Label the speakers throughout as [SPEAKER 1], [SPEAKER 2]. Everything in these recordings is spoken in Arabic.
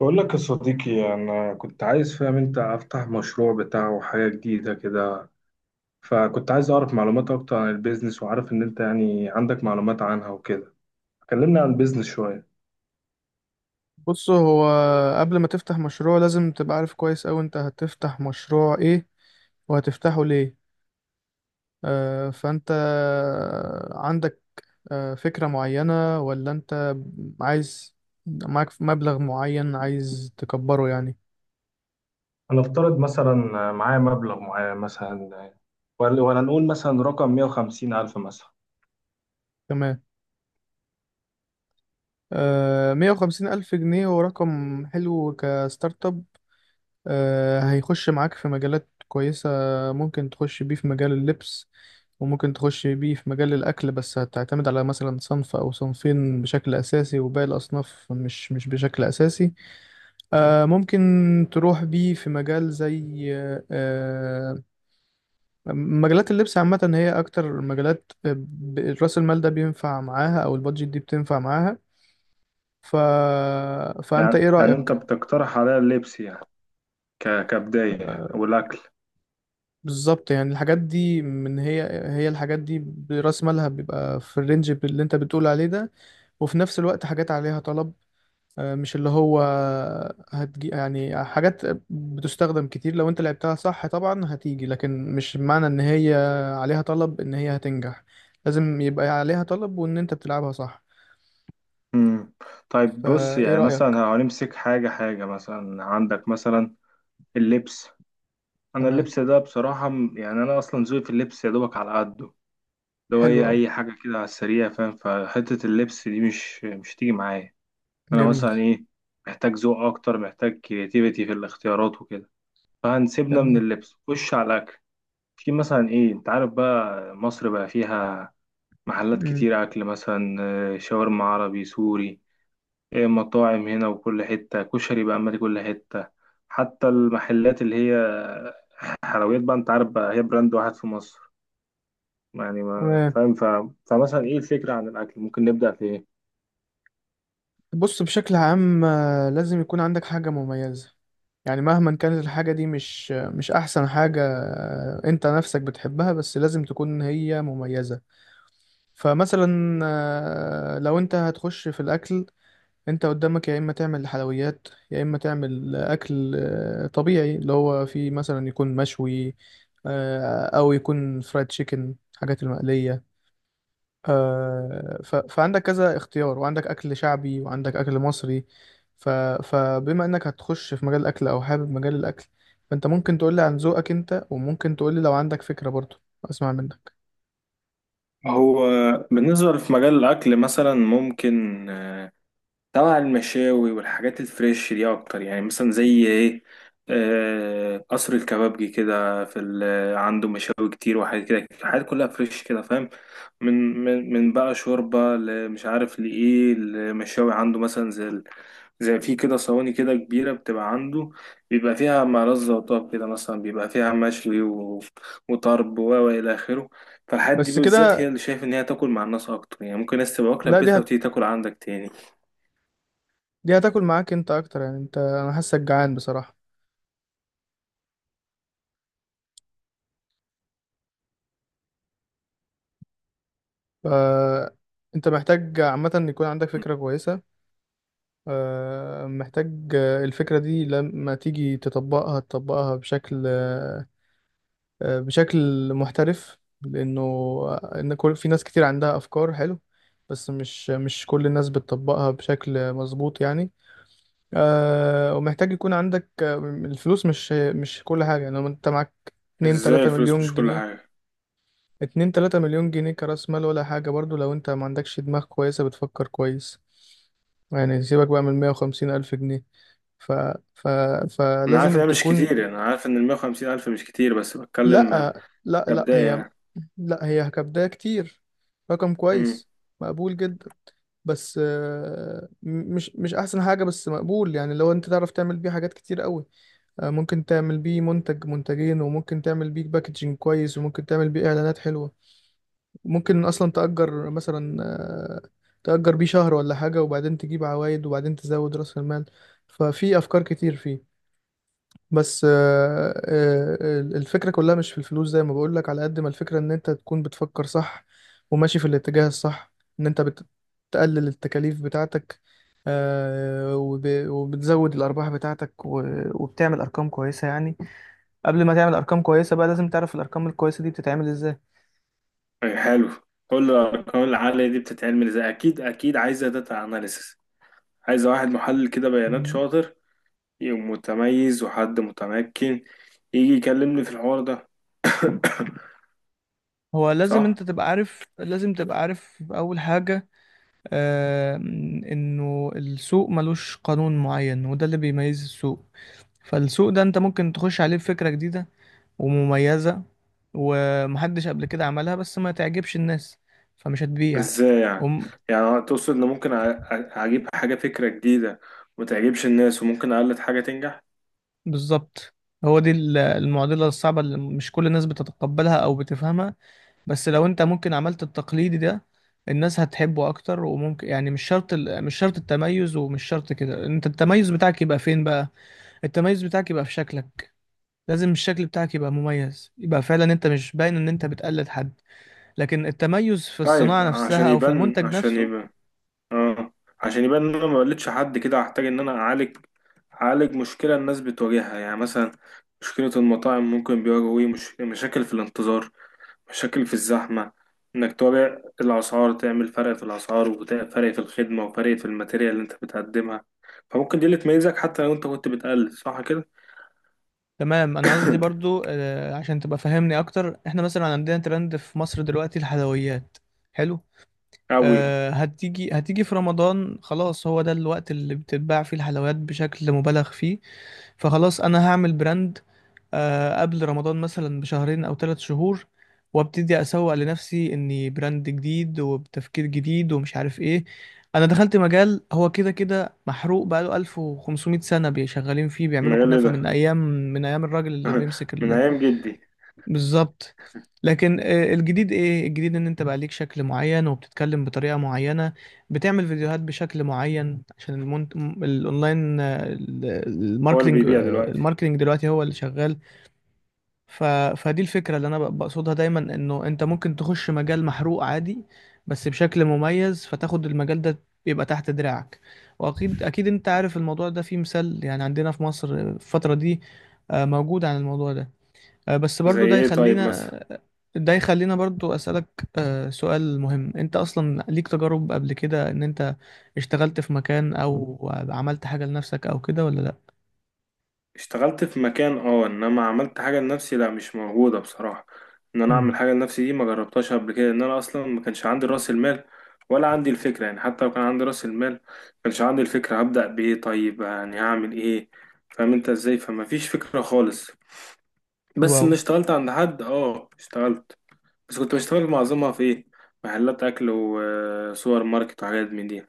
[SPEAKER 1] بقول لك يا صديقي، أنا كنت عايز فاهم أنت أفتح مشروع بتاعه حاجة جديدة كده. فكنت عايز أعرف معلومات أكتر عن البيزنس، وعارف إن أنت يعني عندك معلومات عنها وكده. كلمنا عن البيزنس شوية.
[SPEAKER 2] بص، هو قبل ما تفتح مشروع لازم تبقى عارف كويس أوي انت هتفتح مشروع ايه وهتفتحه ليه. فانت عندك فكرة معينة، ولا انت عايز، معاك مبلغ معين عايز تكبره يعني؟
[SPEAKER 1] هنفترض مثلا معايا مبلغ معين مثلا، ولا نقول مثلا رقم 150 ألف مثلا.
[SPEAKER 2] تمام. مية وخمسين ألف جنيه هو رقم حلو كستارت اب. هيخش معاك في مجالات كويسة. ممكن تخش بيه في مجال اللبس، وممكن تخش بيه في مجال الأكل، بس هتعتمد على مثلا صنف أو صنفين بشكل أساسي، وباقي الأصناف مش بشكل أساسي. ممكن تروح بيه في مجال زي آه، مجالات اللبس عامة، هي أكتر مجالات رأس المال ده بينفع معاها أو البادجت دي بتنفع معاها. ف... فأنت
[SPEAKER 1] يعني
[SPEAKER 2] إيه
[SPEAKER 1] يعني أنت
[SPEAKER 2] رأيك؟
[SPEAKER 1] بتقترح عليا اللبس يعني كبداية والأكل.
[SPEAKER 2] بالظبط، يعني الحاجات دي من هي هي الحاجات دي برأس مالها بيبقى في الرينج اللي انت بتقول عليه ده، وفي نفس الوقت حاجات عليها طلب. مش اللي هو هتجي يعني حاجات بتستخدم كتير، لو انت لعبتها صح طبعا هتيجي، لكن مش معنى ان هي عليها طلب ان هي هتنجح. لازم يبقى عليها طلب وان انت بتلعبها صح.
[SPEAKER 1] امم طيب بص
[SPEAKER 2] فايه
[SPEAKER 1] يعني
[SPEAKER 2] رأيك؟
[SPEAKER 1] مثلا هنمسك حاجة مثلا عندك مثلا اللبس. انا
[SPEAKER 2] تمام.
[SPEAKER 1] اللبس ده بصراحه يعني انا اصلا ذوقي في اللبس يا دوبك على قده. لو
[SPEAKER 2] حلو
[SPEAKER 1] هي
[SPEAKER 2] أوي.
[SPEAKER 1] اي حاجه كده على السريع، فاهم؟ فحته اللبس دي مش تيجي معايا. انا
[SPEAKER 2] جميل.
[SPEAKER 1] مثلا ايه، محتاج ذوق اكتر، محتاج كرياتيفيتي في الاختيارات وكده. فهنسيبنا من
[SPEAKER 2] تمام.
[SPEAKER 1] اللبس، خش على الاكل. في مثلا ايه، انت عارف بقى مصر بقى فيها محلات
[SPEAKER 2] مم.
[SPEAKER 1] كتير اكل مثلا، شاورما عربي سوري إيه، مطاعم هنا، وكل حته كشري بقى مالي كل حته. حتى المحلات اللي هي حلويات بقى، انت عارف بقى، هي براند واحد في مصر يعني، ما
[SPEAKER 2] تمام.
[SPEAKER 1] فاهم فمثلا ايه الفكرة عن الأكل؟ ممكن نبدأ في ايه؟
[SPEAKER 2] بص، بشكل عام لازم يكون عندك حاجة مميزة. يعني مهما كانت الحاجة دي مش أحسن حاجة، أنت نفسك بتحبها، بس لازم تكون هي مميزة. فمثلا لو أنت هتخش في الأكل، أنت قدامك يا إما تعمل حلويات، يا إما تعمل أكل طبيعي اللي هو فيه مثلا يكون مشوي، أو يكون فرايد تشيكن، حاجات المقلية. فعندك كذا اختيار، وعندك أكل شعبي، وعندك أكل مصري. ف... فبما إنك هتخش في مجال الأكل، أو حابب مجال الأكل، فأنت ممكن تقولي عن ذوقك أنت، وممكن تقولي لو عندك فكرة برضو. أسمع منك.
[SPEAKER 1] هو بالنسبة في مجال الأكل مثلا ممكن، طبعا المشاوي والحاجات الفريش دي اكتر، يعني مثلا زي ايه؟ قصر الكبابجي كده، عنده مشاوي كتير وحاجات كده، الحاجات كلها فريش كده، فاهم؟ من بقى شوربة، مش عارف لإيه. المشاوي عنده مثلا زي في كده صواني كده كبيرة بتبقى عنده، بيبقى فيها مع وطاب كده، مثلا بيبقى فيها وطرب و إلى آخره. فالحاجات دي
[SPEAKER 2] بس
[SPEAKER 1] بالذات هي
[SPEAKER 2] كده؟
[SPEAKER 1] اللي شايف إن هي تاكل مع الناس أكتر، يعني ممكن ناس تبقى واكلة في
[SPEAKER 2] لا،
[SPEAKER 1] بيتها وتيجي تاكل عندك تاني.
[SPEAKER 2] دي هتاكل معاك أنت أكتر، يعني أنا حاسك جعان بصراحة. ف... أنت محتاج عامة إن يكون عندك فكرة كويسة، محتاج الفكرة دي لما تيجي تطبقها، تطبقها بشكل محترف. لانه آه، ان كل في ناس كتير عندها افكار حلو، بس مش كل الناس بتطبقها بشكل مظبوط يعني. ومحتاج يكون عندك الفلوس، مش كل حاجة. يعني لو انت معاك 2
[SPEAKER 1] ازاي
[SPEAKER 2] 3
[SPEAKER 1] الفلوس مش
[SPEAKER 2] مليون
[SPEAKER 1] كل
[SPEAKER 2] جنيه،
[SPEAKER 1] حاجة؟
[SPEAKER 2] 2 3 مليون جنيه كرأس مال، ولا حاجة برضو لو انت ما عندكش دماغ كويسة بتفكر كويس. يعني سيبك بقى من 150 ألف جنيه. ف... ف...
[SPEAKER 1] انا عارف
[SPEAKER 2] فلازم
[SPEAKER 1] انها مش
[SPEAKER 2] تكون.
[SPEAKER 1] كتير، يعني انا عارف ان المية وخمسين الف مش كتير، بس بتكلم
[SPEAKER 2] لا، لا، لا،
[SPEAKER 1] كبداية يعني.
[SPEAKER 2] لا، هي كبداية كتير. رقم
[SPEAKER 1] امم.
[SPEAKER 2] كويس. مقبول جدا. بس مش احسن حاجة، بس مقبول. يعني لو انت تعرف تعمل بيه حاجات كتير قوي. ممكن تعمل بيه منتج منتجين، وممكن تعمل بيه باكجينج كويس، وممكن تعمل بيه اعلانات حلوة. ممكن اصلا تأجر مثلا، تأجر بيه شهر ولا حاجة، وبعدين تجيب عوايد، وبعدين تزود رأس المال. ففي افكار كتير فيه، بس الفكرة كلها مش في الفلوس، زي ما بقولك، على قد ما الفكرة ان انت تكون بتفكر صح، وماشي في الاتجاه الصح، ان انت بتقلل التكاليف بتاعتك، وبتزود الارباح بتاعتك، وبتعمل ارقام كويسة يعني. قبل ما تعمل ارقام كويسة بقى، لازم تعرف الارقام الكويسة دي بتتعمل ازاي.
[SPEAKER 1] أي حلو. كل الارقام العالية دي بتتعمل ازاي؟ اكيد اكيد عايزة داتا اناليسس، عايزة واحد محلل كده بيانات
[SPEAKER 2] مم.
[SPEAKER 1] شاطر، يبقى متميز وحد متمكن، يجي يكلمني في الحوار ده.
[SPEAKER 2] هو لازم
[SPEAKER 1] صح.
[SPEAKER 2] انت تبقى عارف، لازم تبقى عارف اول حاجة آه، انه السوق ملوش قانون معين، وده اللي بيميز السوق. فالسوق ده انت ممكن تخش عليه بفكرة جديدة ومميزة، ومحدش قبل كده عملها، بس ما تعجبش الناس، فمش هتبيع.
[SPEAKER 1] ازاي يعني؟
[SPEAKER 2] وم-
[SPEAKER 1] يعني تقصد ان ممكن اجيب حاجة فكرة جديدة وتعجبش الناس، وممكن اقلد حاجة تنجح؟
[SPEAKER 2] بالظبط. هو دي المعضلة الصعبة اللي مش كل الناس بتتقبلها او بتفهمها. بس لو انت ممكن عملت التقليدي ده، الناس هتحبه اكتر، وممكن يعني مش شرط مش شرط التميز، ومش شرط كده. انت التميز بتاعك يبقى فين بقى؟ التميز بتاعك يبقى في شكلك. لازم الشكل بتاعك يبقى مميز، يبقى فعلا انت مش باين ان انت بتقلد حد، لكن التميز في
[SPEAKER 1] طيب
[SPEAKER 2] الصناعة
[SPEAKER 1] عشان
[SPEAKER 2] نفسها أو في
[SPEAKER 1] يبان
[SPEAKER 2] المنتج
[SPEAKER 1] عشان
[SPEAKER 2] نفسه.
[SPEAKER 1] يبان اه، عشان يبان ان انا ما قلتش حد كده، هحتاج ان انا اعالج مشكله الناس بتواجهها. يعني مثلا مشكله المطاعم، ممكن بيواجهوا ايه؟ مش... مشاكل في الانتظار، مشاكل في الزحمه. انك تواجه الاسعار، تعمل فرق في الاسعار وفرق في الخدمه وفرق في الماتيريال اللي انت بتقدمها. فممكن دي اللي تميزك، حتى لو انت كنت بتقلد صح كده.
[SPEAKER 2] تمام. أنا قصدي برضو، عشان تبقى فاهمني أكتر، إحنا مثلا عندنا ترند في مصر دلوقتي الحلويات. حلو.
[SPEAKER 1] قوي.
[SPEAKER 2] هتيجي في رمضان، خلاص، هو ده الوقت اللي بتتباع فيه الحلويات بشكل مبالغ فيه. فخلاص، انا هعمل براند قبل رمضان مثلا بشهرين او ثلاث شهور، وابتدي اسوق لنفسي اني براند جديد، وبتفكير جديد، ومش عارف ايه. انا دخلت مجال هو كده كده محروق بقاله 1500 سنة بيشغالين فيه، بيعملوا
[SPEAKER 1] المجال إيه
[SPEAKER 2] كنافة من
[SPEAKER 1] ده؟
[SPEAKER 2] ايام من ايام الراجل اللي بيمسك.
[SPEAKER 1] من ايام جدي.
[SPEAKER 2] بالظبط. لكن الجديد ايه؟ الجديد ان انت بقى ليك شكل معين، وبتتكلم بطريقة معينة، بتعمل فيديوهات بشكل معين، عشان الاونلاين،
[SPEAKER 1] هو اللي
[SPEAKER 2] الماركتينج
[SPEAKER 1] بيبيع
[SPEAKER 2] آه،
[SPEAKER 1] دلوقتي.
[SPEAKER 2] الماركتينج دلوقتي هو اللي شغال. ف... فدي الفكرة اللي انا بقصدها دايما، انه انت ممكن تخش مجال محروق عادي، بس بشكل مميز، فتاخد المجال ده يبقى تحت دراعك. واكيد اكيد انت عارف الموضوع ده فيه مثال، يعني عندنا في مصر في الفترة دي موجود عن الموضوع ده، بس
[SPEAKER 1] زي
[SPEAKER 2] برضو
[SPEAKER 1] ايه طيب مثلا؟
[SPEAKER 2] ده يخلينا برضو أسألك سؤال مهم. انت اصلا ليك تجارب قبل كده، ان انت اشتغلت في مكان، او عملت حاجة لنفسك او كده، ولا لا؟
[SPEAKER 1] اشتغلت في مكان اه، انما عملت حاجه لنفسي، لا مش موجوده بصراحه. ان انا
[SPEAKER 2] امم
[SPEAKER 1] اعمل حاجه لنفسي دي ما جربتهاش قبل كده، ان انا اصلا ما كانش عندي راس المال ولا عندي الفكره. يعني حتى لو كان عندي راس المال، ما كانش عندي الفكره. هبدا بايه طيب؟ يعني هعمل ايه؟ فاهم انت ازاي؟ فما فيش فكره خالص.
[SPEAKER 2] حلو
[SPEAKER 1] بس ان
[SPEAKER 2] أوي.
[SPEAKER 1] اشتغلت عند حد اه، اشتغلت. بس كنت بشتغل معظمها في ايه؟ محلات اكل وسوبر ماركت وحاجات من دي.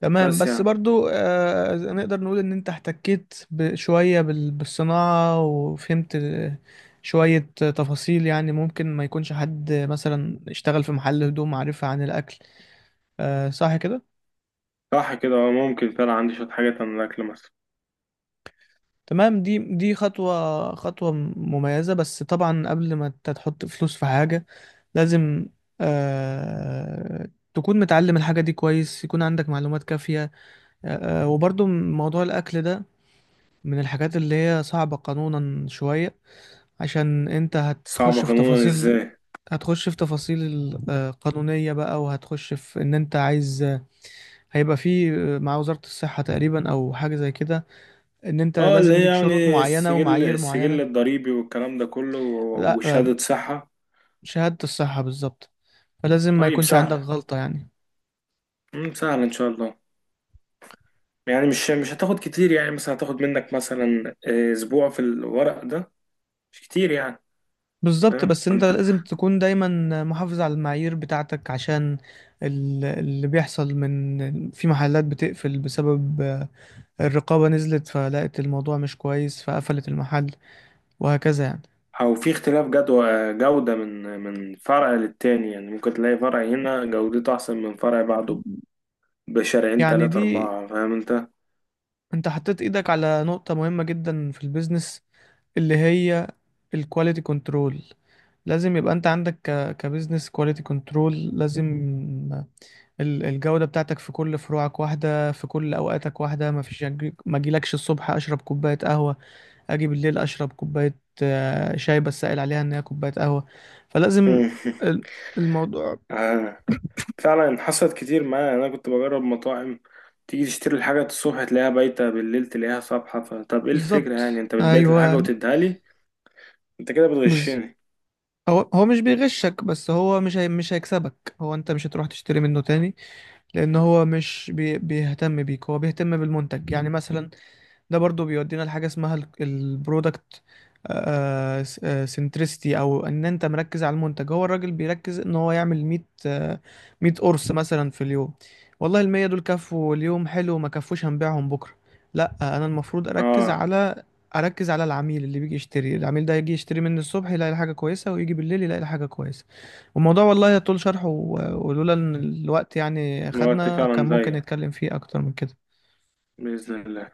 [SPEAKER 2] تمام،
[SPEAKER 1] بس
[SPEAKER 2] بس
[SPEAKER 1] يعني
[SPEAKER 2] برضو نقدر نقول إن أنت احتكيت شوية بالصناعة، وفهمت شوية تفاصيل. يعني ممكن ما يكونش حد مثلا اشتغل في محل هدوم عارفها عن الأكل، صح كده؟
[SPEAKER 1] صح كده اه، ممكن فعلا عندي شويه حاجات عن الاكل مثلا.
[SPEAKER 2] تمام. دي خطوة خطوة مميزة، بس طبعا قبل ما انت تحط فلوس في حاجة لازم تكون متعلم الحاجة دي كويس، يكون عندك معلومات كافية. وبرضو موضوع الأكل ده من الحاجات اللي هي صعبة قانونا شوية، عشان انت
[SPEAKER 1] صعبه قانونا ازاي؟
[SPEAKER 2] هتخش في تفاصيل قانونية بقى، وهتخش في ان انت عايز، هيبقى في مع وزارة الصحة تقريبا او حاجة زي كده، ان انت
[SPEAKER 1] اه اللي
[SPEAKER 2] لازم
[SPEAKER 1] هي
[SPEAKER 2] ليك شروط
[SPEAKER 1] يعني
[SPEAKER 2] معينة
[SPEAKER 1] السجل
[SPEAKER 2] ومعايير
[SPEAKER 1] السجل
[SPEAKER 2] معينة.
[SPEAKER 1] الضريبي والكلام ده كله
[SPEAKER 2] لا،
[SPEAKER 1] وشهادة صحة.
[SPEAKER 2] شهادة الصحة بالظبط. فلازم ما
[SPEAKER 1] طيب
[SPEAKER 2] يكونش عندك
[SPEAKER 1] سهلة.
[SPEAKER 2] غلطة يعني.
[SPEAKER 1] مم، سهلة ان شاء الله. يعني مش هتاخد كتير، يعني مثلا هتاخد منك مثلا اسبوع في الورق ده، مش كتير يعني.
[SPEAKER 2] بالظبط.
[SPEAKER 1] فاهم
[SPEAKER 2] بس انت
[SPEAKER 1] انت؟
[SPEAKER 2] لازم تكون دايما محافظ على المعايير بتاعتك، عشان اللي بيحصل من في محلات بتقفل بسبب الرقابة نزلت فلقت الموضوع مش كويس، فقفلت المحل، وهكذا يعني.
[SPEAKER 1] او في اختلاف جدوى جودة من فرع للتاني، يعني ممكن تلاقي فرع هنا جودته احسن من فرع بعده بشرعين
[SPEAKER 2] يعني
[SPEAKER 1] تلاتة
[SPEAKER 2] دي،
[SPEAKER 1] اربعة، فاهم انت؟
[SPEAKER 2] انت حطيت ايدك على نقطة مهمة جدا في البيزنس، اللي هي الكواليتي كنترول. لازم يبقى انت عندك كبيزنس كواليتي كنترول. لازم الجودة بتاعتك في كل فروعك واحدة، في كل اوقاتك واحدة، ما فيش ما اجيلكش الصبح اشرب كوباية قهوة، اجي بالليل اشرب كوباية شاي بس سائل عليها ان هي كوباية قهوة. فلازم ال- الموضوع.
[SPEAKER 1] فعلا حصلت كتير معايا، انا كنت بجرب مطاعم. تيجي تشتري الحاجة الصبح، تلاقيها بايتة، بالليل تلاقيها صبحة. فطب ايه الفكرة
[SPEAKER 2] بالظبط،
[SPEAKER 1] يعني؟ انت بتبيت الحاجة
[SPEAKER 2] ايوه.
[SPEAKER 1] وتديها لي، انت كده
[SPEAKER 2] بز...
[SPEAKER 1] بتغشني.
[SPEAKER 2] هو هو مش بيغشك، بس هو مش هي مش هيكسبك. هو انت مش هتروح تشتري منه تاني، لان هو مش بيهتم بيك، هو بيهتم بالمنتج. يعني مثلا ده برضو بيودينا لحاجة اسمها البرودكت سنترستي، او ان انت مركز على المنتج. هو الراجل بيركز ان هو يعمل 100، آه، 100 قرص مثلا في اليوم، والله المية دول كفوا اليوم، حلو، ما كفوش هنبيعهم بكرة. لا، انا المفروض
[SPEAKER 1] اه،
[SPEAKER 2] اركز على العميل اللي بيجي يشتري. العميل ده يجي يشتري مني الصبح يلاقي حاجة كويسة، ويجي بالليل يلاقي حاجة كويسة. والموضوع والله يطول شرحه، ولولا ان الوقت يعني
[SPEAKER 1] الوقت
[SPEAKER 2] خدنا كان
[SPEAKER 1] فعلا
[SPEAKER 2] ممكن
[SPEAKER 1] ضيق.
[SPEAKER 2] نتكلم فيه اكتر من كده.
[SPEAKER 1] بإذن الله.